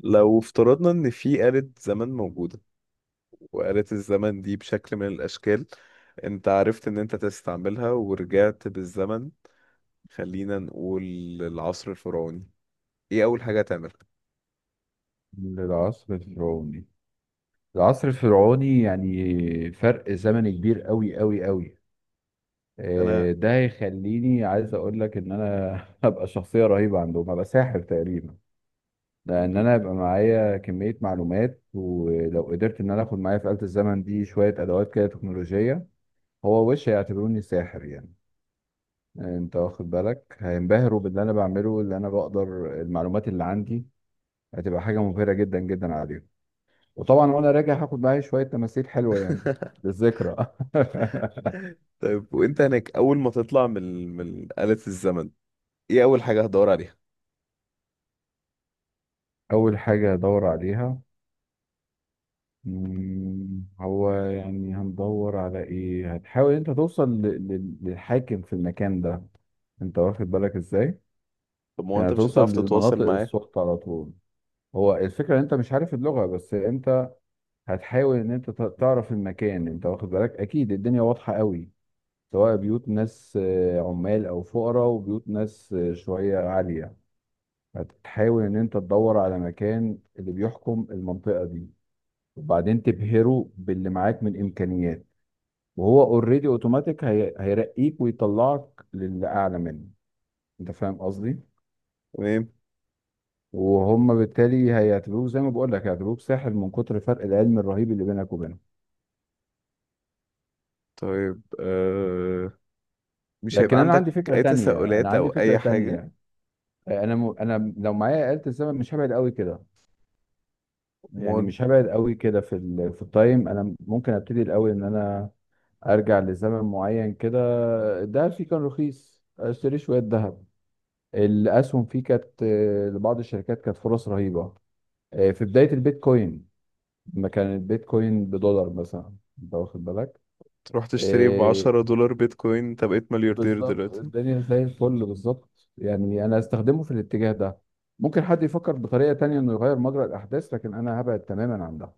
لو افترضنا ان في آلة زمن موجودة، وآلة الزمن دي بشكل من الاشكال انت عرفت ان انت تستعملها ورجعت بالزمن. خلينا نقول العصر الفرعوني. ايه اول حاجة هتعملها؟ للعصر الفرعوني. العصر الفرعوني يعني فرق زمني كبير قوي قوي قوي. انا. ده هيخليني عايز اقول لك ان انا هبقى شخصية رهيبة عندهم، هبقى ساحر تقريبا. لان انا هيبقى معايا كمية معلومات، ولو قدرت ان انا اخد معايا في آلة الزمن دي شوية ادوات كده تكنولوجية، هو وش هيعتبروني ساحر يعني. انت واخد بالك؟ هينبهروا باللي انا بعمله، اللي انا بقدر. المعلومات اللي عندي هتبقى حاجة مبهرة جدا جدا عليهم. وطبعا وانا راجع هاخد معايا شويه تماثيل حلوه يعني، للذكرى. طيب، وانت هناك اول ما تطلع من آلة الزمن، ايه اول حاجة هتدور عليها؟ اول حاجه هدور عليها، هو يعني هندور على ايه؟ هتحاول انت توصل للحاكم في المكان ده، انت واخد بالك ازاي؟ طب ما هو انت يعني مش توصل هتعرف تتواصل للمناطق معاه. السخطة على طول. هو الفكرة ان انت مش عارف اللغة، بس انت هتحاول ان انت تعرف المكان. انت واخد بالك؟ اكيد الدنيا واضحة قوي، سواء بيوت ناس عمال او فقراء، وبيوت ناس شوية عالية. هتحاول ان انت تدور على مكان اللي بيحكم المنطقة دي، وبعدين تبهره باللي معاك من امكانيات، وهو اوريدي اوتوماتيك هيرقيك ويطلعك للي اعلى منه. انت فاهم قصدي؟ تمام. وهم بالتالي هيعتبروه زي ما بقول لك، هيعتبروه ساحر من كتر فرق العلم الرهيب اللي بينك وبينهم. طيب، مش لكن هيبقى انا عندي عندك فكرة اي تانية، انا تساؤلات او عندي فكرة اي حاجة؟ تانية. انا لو معايا آلة الزمن مش هبعد قوي كده. يعني امال مش هبعد قوي كده في التايم. انا ممكن ابتدي الاول ان انا ارجع لزمن معين كده، الدهب فيه كان رخيص، اشتري شويه ذهب. الاسهم فيه كانت لبعض الشركات كانت فرص رهيبه. في بدايه البيتكوين، لما كان البيتكوين بدولار مثلا، انت واخد بالك؟ رحت اشتري ب آه، $10 بيتكوين، انت بقيت ملياردير بالظبط، دلوقتي. الدنيا زي الفل. بالظبط يعني انا استخدمه في الاتجاه ده. ممكن حد يفكر بطريقه تانية انه يغير مجرى الاحداث، لكن انا هبعد تماما عن ده.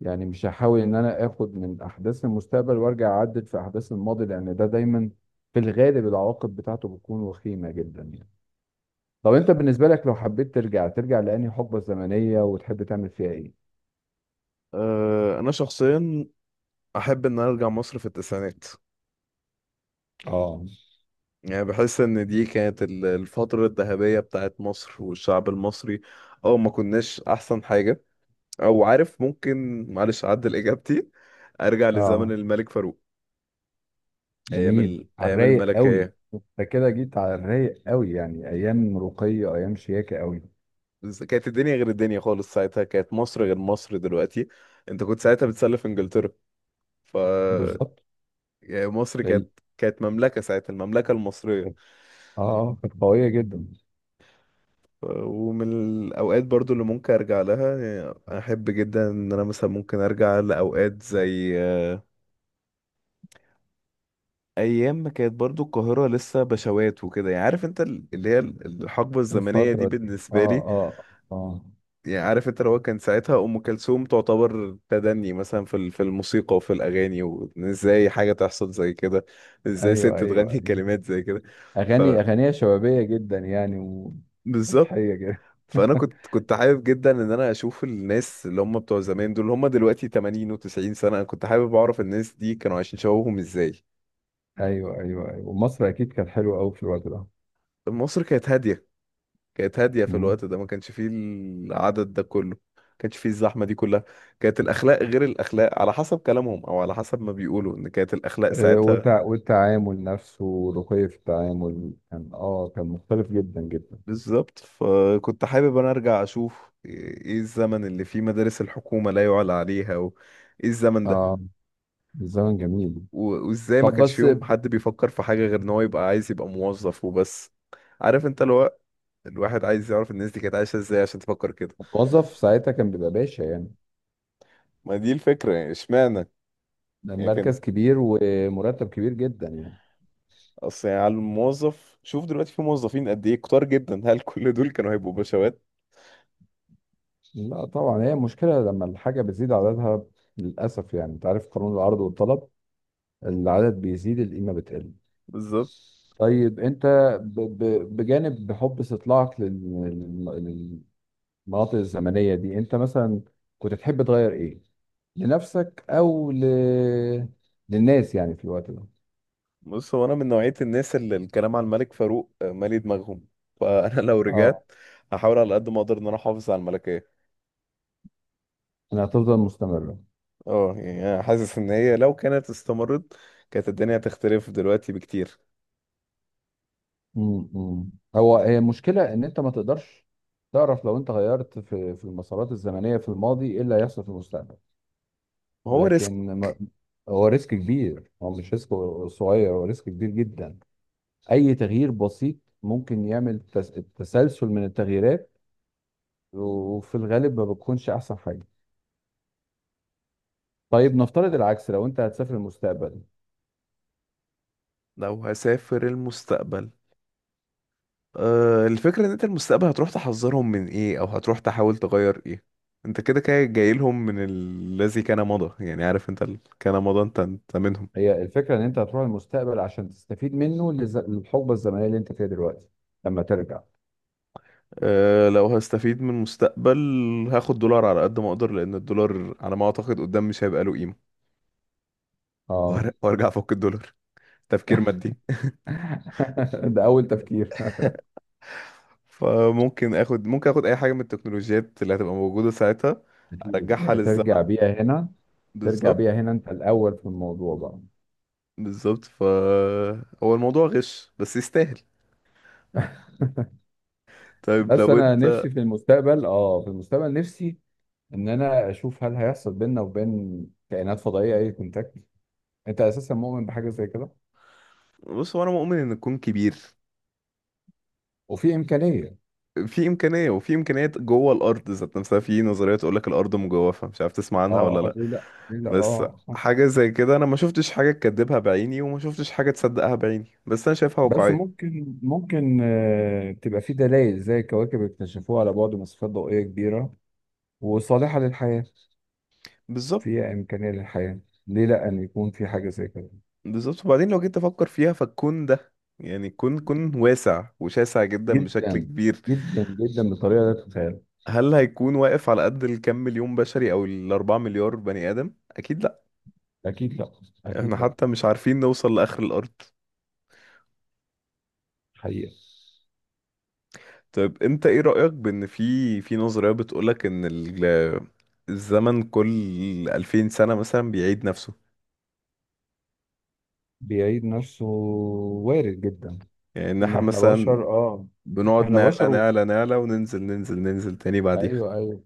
يعني مش هحاول ان انا اخد من احداث المستقبل وارجع اعدل في احداث الماضي، لان ده دايما في الغالب العواقب بتاعته بتكون وخيمة جدا يعني. طب انت بالنسبة لك لو حبيت ترجع، ترجع لأنهي حقبة زمنية وتحب تعمل فيها ايه؟ أه انا شخصيا احب ان أنا ارجع مصر في التسعينات. اه، يعني بحس ان دي كانت الفترة الذهبية بتاعت مصر والشعب المصري، او ما كناش احسن حاجة. او عارف، ممكن معلش اعدل اجابتي، ارجع لزمن اه، الملك فاروق. جميل. على ايام الرايق قوي، الملكية. انت كده جيت على الرايق قوي. يعني ايام رقية، ايام شياكة قوي. بس كانت الدنيا غير الدنيا خالص، ساعتها كانت مصر غير مصر دلوقتي. انت كنت ساعتها بتسلف انجلترا. ف بالظبط. يعني مصر ال- كانت مملكة ساعتها، المملكة المصرية. اه كانت قوية جدا. ومن الأوقات برضو اللي ممكن أرجع لها. يعني أحب جدا إن أنا مثلا ممكن أرجع لأوقات زي أيام ما كانت برضو القاهرة لسه بشوات وكده. يعني عارف أنت، الحقبة الزمنية دي الفترة دي، اه، بالنسبة لي. اه، اه. يعني عارف أنت، لو كان ساعتها أم كلثوم تعتبر تدني مثلا في الموسيقى وفي الأغاني، وإزاي حاجة تحصل زي كده؟ إزاي ست ايوه، ايوه، تغني كلمات زي كده؟ اغاني اغانيها شبابيه جدا يعني، فبالظبط. ومضحيه جدا. فانا كنت حابب جدا ان انا اشوف الناس اللي هم بتوع زمان دول، اللي هم دلوقتي 80 و90 سنه. انا كنت حابب اعرف الناس دي كانوا عايشين شبابهم ازاي. ايوه، ايوه، ايوه، ومصر اكيد كانت حلوه قوي في الوقت ده. مصر كانت هاديه. كانت هاديه في مم. الوقت ده، ما كانش فيه العدد ده كله، ما كانش فيه الزحمه دي كلها. كانت الاخلاق غير الاخلاق، على حسب كلامهم او على حسب ما بيقولوا ان كانت الاخلاق ساعتها. والتعامل نفسه، ورقي في التعامل، كان اه كان مختلف جدا جدا. بالظبط. فكنت حابب انا ارجع اشوف إيه الزمن اللي فيه مدارس الحكومه لا يعلى عليها، وايه الزمن ده، اه، الزمن جميل. وازاي ما طب كانش بس، فيهم حد بيفكر في حاجة غير ان هو يبقى عايز يبقى موظف وبس. عارف انت، لو الواحد عايز يعرف الناس دي كانت عايشة ازاي عشان تفكر كده. الموظف ساعتها كان بيبقى باشا يعني، ما دي الفكرة، يعني اشمعنى. ده يعني كان، المركز كبير ومرتب كبير جدا يعني. اصل يعني على الموظف، شوف دلوقتي في موظفين قد ايه كتار جدا. هل كل دول كانوا هيبقوا بشوات؟ لا طبعا، هي مشكلة لما الحاجة بتزيد عددها. للأسف يعني، أنت عارف قانون العرض والطلب، العدد بيزيد القيمة بتقل. بالظبط. طيب انت، بجانب حب استطلاعك لل- للمناطق الزمنية دي، انت مثلا كنت تحب تغير ايه لنفسك للناس يعني في الوقت ده؟ بص، هو انا من نوعية الناس اللي الكلام عن الملك فاروق مالي دماغهم. فانا لو اه، رجعت هحاول على قد ما اقدر ان انا احافظ على الملكية. انها تفضل مستمرة. اه يعني انا حاسس ان هي لو كانت استمرت، كانت الدنيا هتختلف دلوقتي بكتير. امم، هو هي المشكلة ان انت ما تقدرش تعرف لو انت غيرت في المسارات الزمنية في الماضي ايه اللي هيحصل في المستقبل. ما هو ريسك. لكن ما... هو ريسك كبير، هو مش ريسك صغير، هو ريسك كبير جدا. اي تغيير بسيط ممكن يعمل تسلسل من التغييرات، وفي الغالب ما بتكونش احسن حاجه. طيب نفترض العكس، لو انت هتسافر المستقبل، لو هسافر المستقبل، أه الفكرة ان انت المستقبل هتروح تحذرهم من ايه، او هتروح تحاول تغير ايه؟ انت كده كده جاي لهم من الذي كان مضى. يعني عارف انت، كان مضى، انت منهم. هي الفكره ان انت هتروح المستقبل عشان تستفيد منه للحقبه الزمنيه اللي انت فيها دلوقتي لما ترجع. أه لو هستفيد من المستقبل، هاخد دولار على قد ما اقدر لان الدولار على ما اعتقد قدام مش هيبقى له قيمة. اه. وارجع افك الدولار. تفكير مادي. ده اول تفكير. فممكن اخد ممكن اخد اي حاجة من التكنولوجيات اللي هتبقى موجودة ساعتها. أكيد. ارجعها هترجع للزمن. بيها هنا. ترجع بالظبط. بيها هنا انت الاول في الموضوع بقى. بالظبط. ف هو الموضوع غش بس يستاهل. طيب بس لو انا انت. نفسي في المستقبل، اه، في المستقبل نفسي ان انا اشوف هل هيحصل بيننا وبين كائنات فضائيه اي كونتاكت؟ انت اساسا مؤمن بحاجه زي كده؟ بص، هو انا مؤمن ان الكون كبير. وفي امكانيه؟ في امكانيه، وفي امكانيات جوه الارض ذات نفسها. في نظريه تقول لك الارض مجوفه، مش عارف تسمع عنها اه، ولا اه، لا. ليه لا؟ ليه لا؟ بس اه صح. حاجه زي كده انا ما شفتش حاجه تكذبها بعيني، وما شفتش حاجه تصدقها بعيني، بس انا شايفها بس واقعيه. ممكن، ممكن تبقى في دلائل زي كواكب اكتشفوها على بعد مسافات ضوئيه كبيره وصالحه للحياه، بالظبط. فيها امكانيه للحياه. ليه لا ان يكون في حاجه زي كده؟ بالظبط. وبعدين لو جيت افكر فيها، فالكون ده يعني كون كون واسع وشاسع جدا بشكل جدا، كبير. جدا جدا بطريقه لا تتخيل. هل هيكون واقف على قد الكم مليون بشري او الاربعة مليار بني ادم؟ اكيد لا. اكيد لا، اكيد احنا لا. حتى مش عارفين نوصل لآخر الأرض. حقيقه. طيب، انت ايه رأيك بان في نظرية بتقولك ان الزمن كل 2000 سنة مثلا بيعيد نفسه. بيعيد نفسه، وارد جدا. يعني ان ما احنا احنا مثلا بشر، اه، بنقعد احنا نعلى بشر و... نعلى نعلى وننزل ننزل ننزل تاني بعديها. ايوه، ايوه،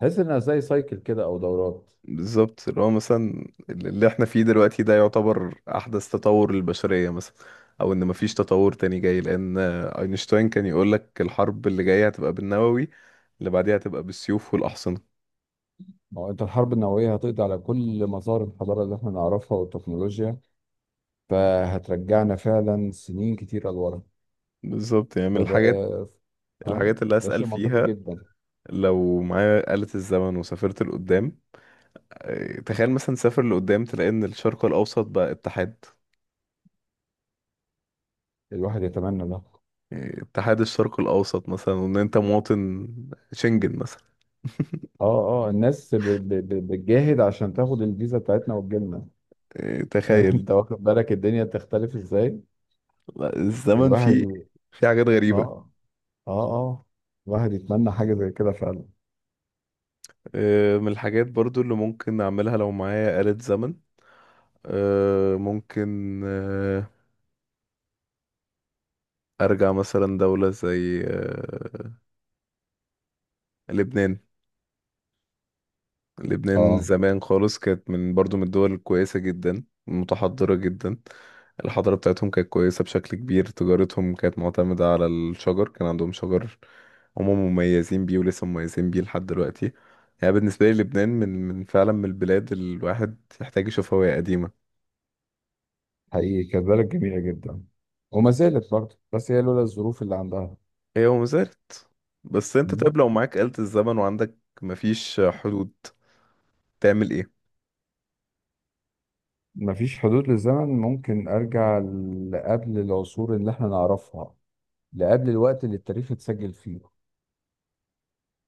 تحس انها زي سايكل كده او دورات. بالظبط، اللي هو مثلا اللي احنا فيه دلوقتي ده يعتبر أحدث تطور للبشرية مثلا. او ان مفيش تطور تاني جاي. لان اينشتاين كان يقولك الحرب اللي جاية هتبقى بالنووي، اللي بعديها هتبقى بالسيوف والأحصنة. ما هو انت الحرب النوويه هتقضي على كل مسار الحضاره اللي احنا نعرفها والتكنولوجيا، فهترجعنا فعلا سنين كتيره لورا. بالظبط. يعني من الحاجات، فده، اه، اللي ده أسأل شيء منطقي فيها. جدا. لو معايا آلة الزمن وسافرت لقدام، تخيل مثلا سافر لقدام تلاقي إن الشرق الأوسط بقى اتحاد. الواحد يتمنى ده. يعني اتحاد الشرق الأوسط مثلا، وإن أنت مواطن شنجن مثلا. اه، اه، الناس بتجاهد عشان تاخد الفيزا بتاعتنا وتجيلنا. تخيل. انت واخد بالك الدنيا تختلف ازاي؟ لا، الزمن الواحد، فيه في حاجات غريبة. اه، اه، اه، الواحد يتمنى حاجه زي كده فعلا. من الحاجات برضو اللي ممكن أعملها لو معايا آلة زمن. ممكن أرجع مثلا دولة زي لبنان. لبنان اه، زمان خالص كانت من برضو من الدول الكويسة جدا، متحضرة جدا. الحضارة بتاعتهم كانت كويسة بشكل كبير، تجارتهم كانت معتمدة على الشجر، كان عندهم شجر هم مميزين بيه، ولسه مميزين بيه لحد دلوقتي. يعني بالنسبة لي، لبنان من فعلا من البلاد اللي الواحد يحتاج يشوفها وهي قديمة. حقيقي كانت بلد جميلة جدا، وما زالت برضه، بس هي لولا الظروف اللي عندها. هي وما زالت. بس انت مم. طيب، لو معاك آلة الزمن وعندك مفيش حدود، تعمل ايه؟ مفيش حدود للزمن، ممكن أرجع لقبل العصور اللي احنا نعرفها، لقبل الوقت اللي التاريخ اتسجل فيه.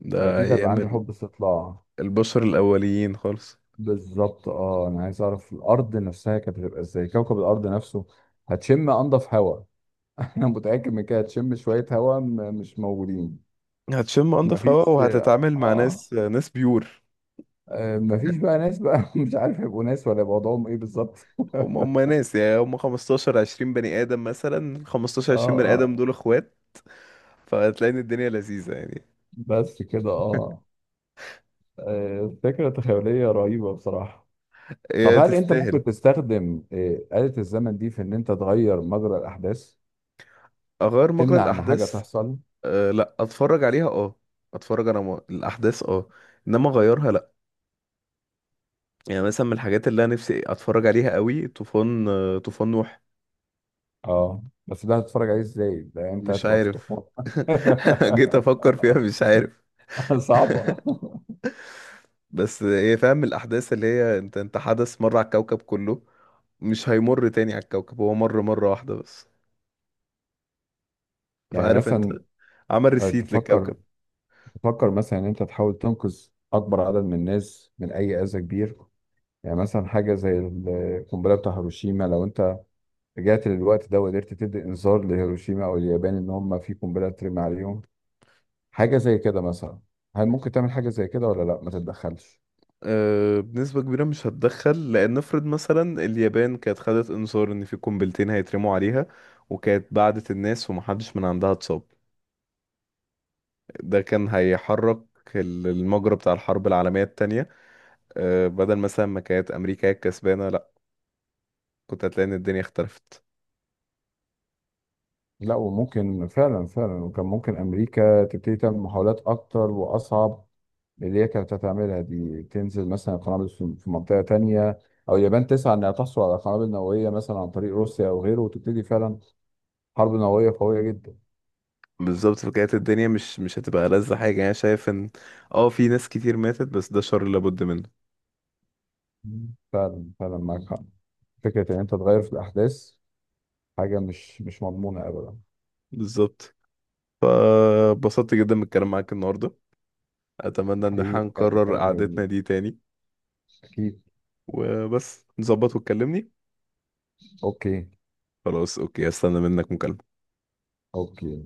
ده أكيد هيبقى أيام عندي حب استطلاع. البشر الأوليين خالص. بالظبط، اه، أنا عايز أعرف الأرض نفسها كانت هتبقى إزاي، كوكب الأرض نفسه. هتشم أنضف هواء. أنا متأكد من كده، هتشم شوية هواء مش موجودين. هتشم انضف هواء، مفيش، وهتتعامل مع اه، ناس ناس بيور. مفيش بقى ناس بقى. مش عارف هيبقوا ناس ولا يبقى وضعهم ايه بالظبط. هم هم ناس. يعني هم 15 20 بني ادم مثلا، 15 اه، 20 بني ادم اه، دول اخوات. فهتلاقي ان الدنيا لذيذة يعني. بس كده. اه، فكرة تخيلية رهيبة بصراحة. طب هي هل انت تستاهل. ممكن تستخدم آلة الزمن دي في ان انت تغير مجرى الاحداث؟ اغير مجرى تمنع ان حاجة الاحداث؟ تحصل؟ أه لا، اتفرج عليها. اه اتفرج انا الاحداث، اه، انما اغيرها لا. يعني مثلا من الحاجات اللي انا نفسي اتفرج عليها قوي طوفان، طوفان نوح. اه، بس ده هتتفرج عليه ازاي؟ ده انت مش هتبقى في عارف. الطوفان. جيت افكر فيها، مش عارف. صعبة. بس ايه، فاهم الأحداث اللي هي انت حدث مرة على الكوكب كله، مش هيمر تاني على الكوكب، هو مر مرة واحدة بس. يعني فعارف انت، مثلا، عمل آه، ريسيت تفكر للكوكب. تفكر مثلا ان انت تحاول تنقذ اكبر عدد من الناس من اي اذى كبير. يعني مثلا حاجة زي القنبلة بتاع هيروشيما، لو أنت رجعت للوقت ده وقدرت تدي إنذار لهيروشيما أو اليابان إن هم في قنبلة ترمي عليهم، حاجة زي كده مثلا. هل ممكن تعمل حاجة زي كده، ولا لا، ما تتدخلش؟ أه بنسبة كبيرة مش هتدخل، لأن نفرض مثلا اليابان كانت خدت إنذار إن في قنبلتين هيترموا عليها، وكانت بعدت الناس ومحدش من عندها اتصاب. ده كان هيحرك المجرى بتاع الحرب العالمية التانية. أه بدل مثلا ما كانت أمريكا هي الكسبانة، لأ كنت هتلاقي إن الدنيا اختلفت. لا، وممكن فعلا، فعلا، وكان ممكن أمريكا تبتدي تعمل محاولات أكتر وأصعب من اللي هي كانت هتعملها دي. تنزل مثلا قنابل في منطقة تانية، أو اليابان تسعى إنها تحصل على قنابل نووية مثلا عن طريق روسيا أو غيره، وتبتدي فعلا حرب نووية قوية جدا. بالظبط. فكانت الدنيا مش هتبقى لذة حاجة، يعني شايف ان اه في ناس كتير ماتت، بس ده شر لابد منه. مم. فعلا، فعلا معاك حق. فكرة إن أنت تغير في الأحداث حاجة مش، مش مضمونة أبدا. بالظبط. فبسطت جدا من الكلام معاك النهاردة. اتمنى ان احنا الحقيقة كان نكرر كلام جميل. قعدتنا دي تاني. أكيد. وبس نظبط وتكلمني. أوكي. خلاص اوكي، هستنى منك مكالمة. أوكي.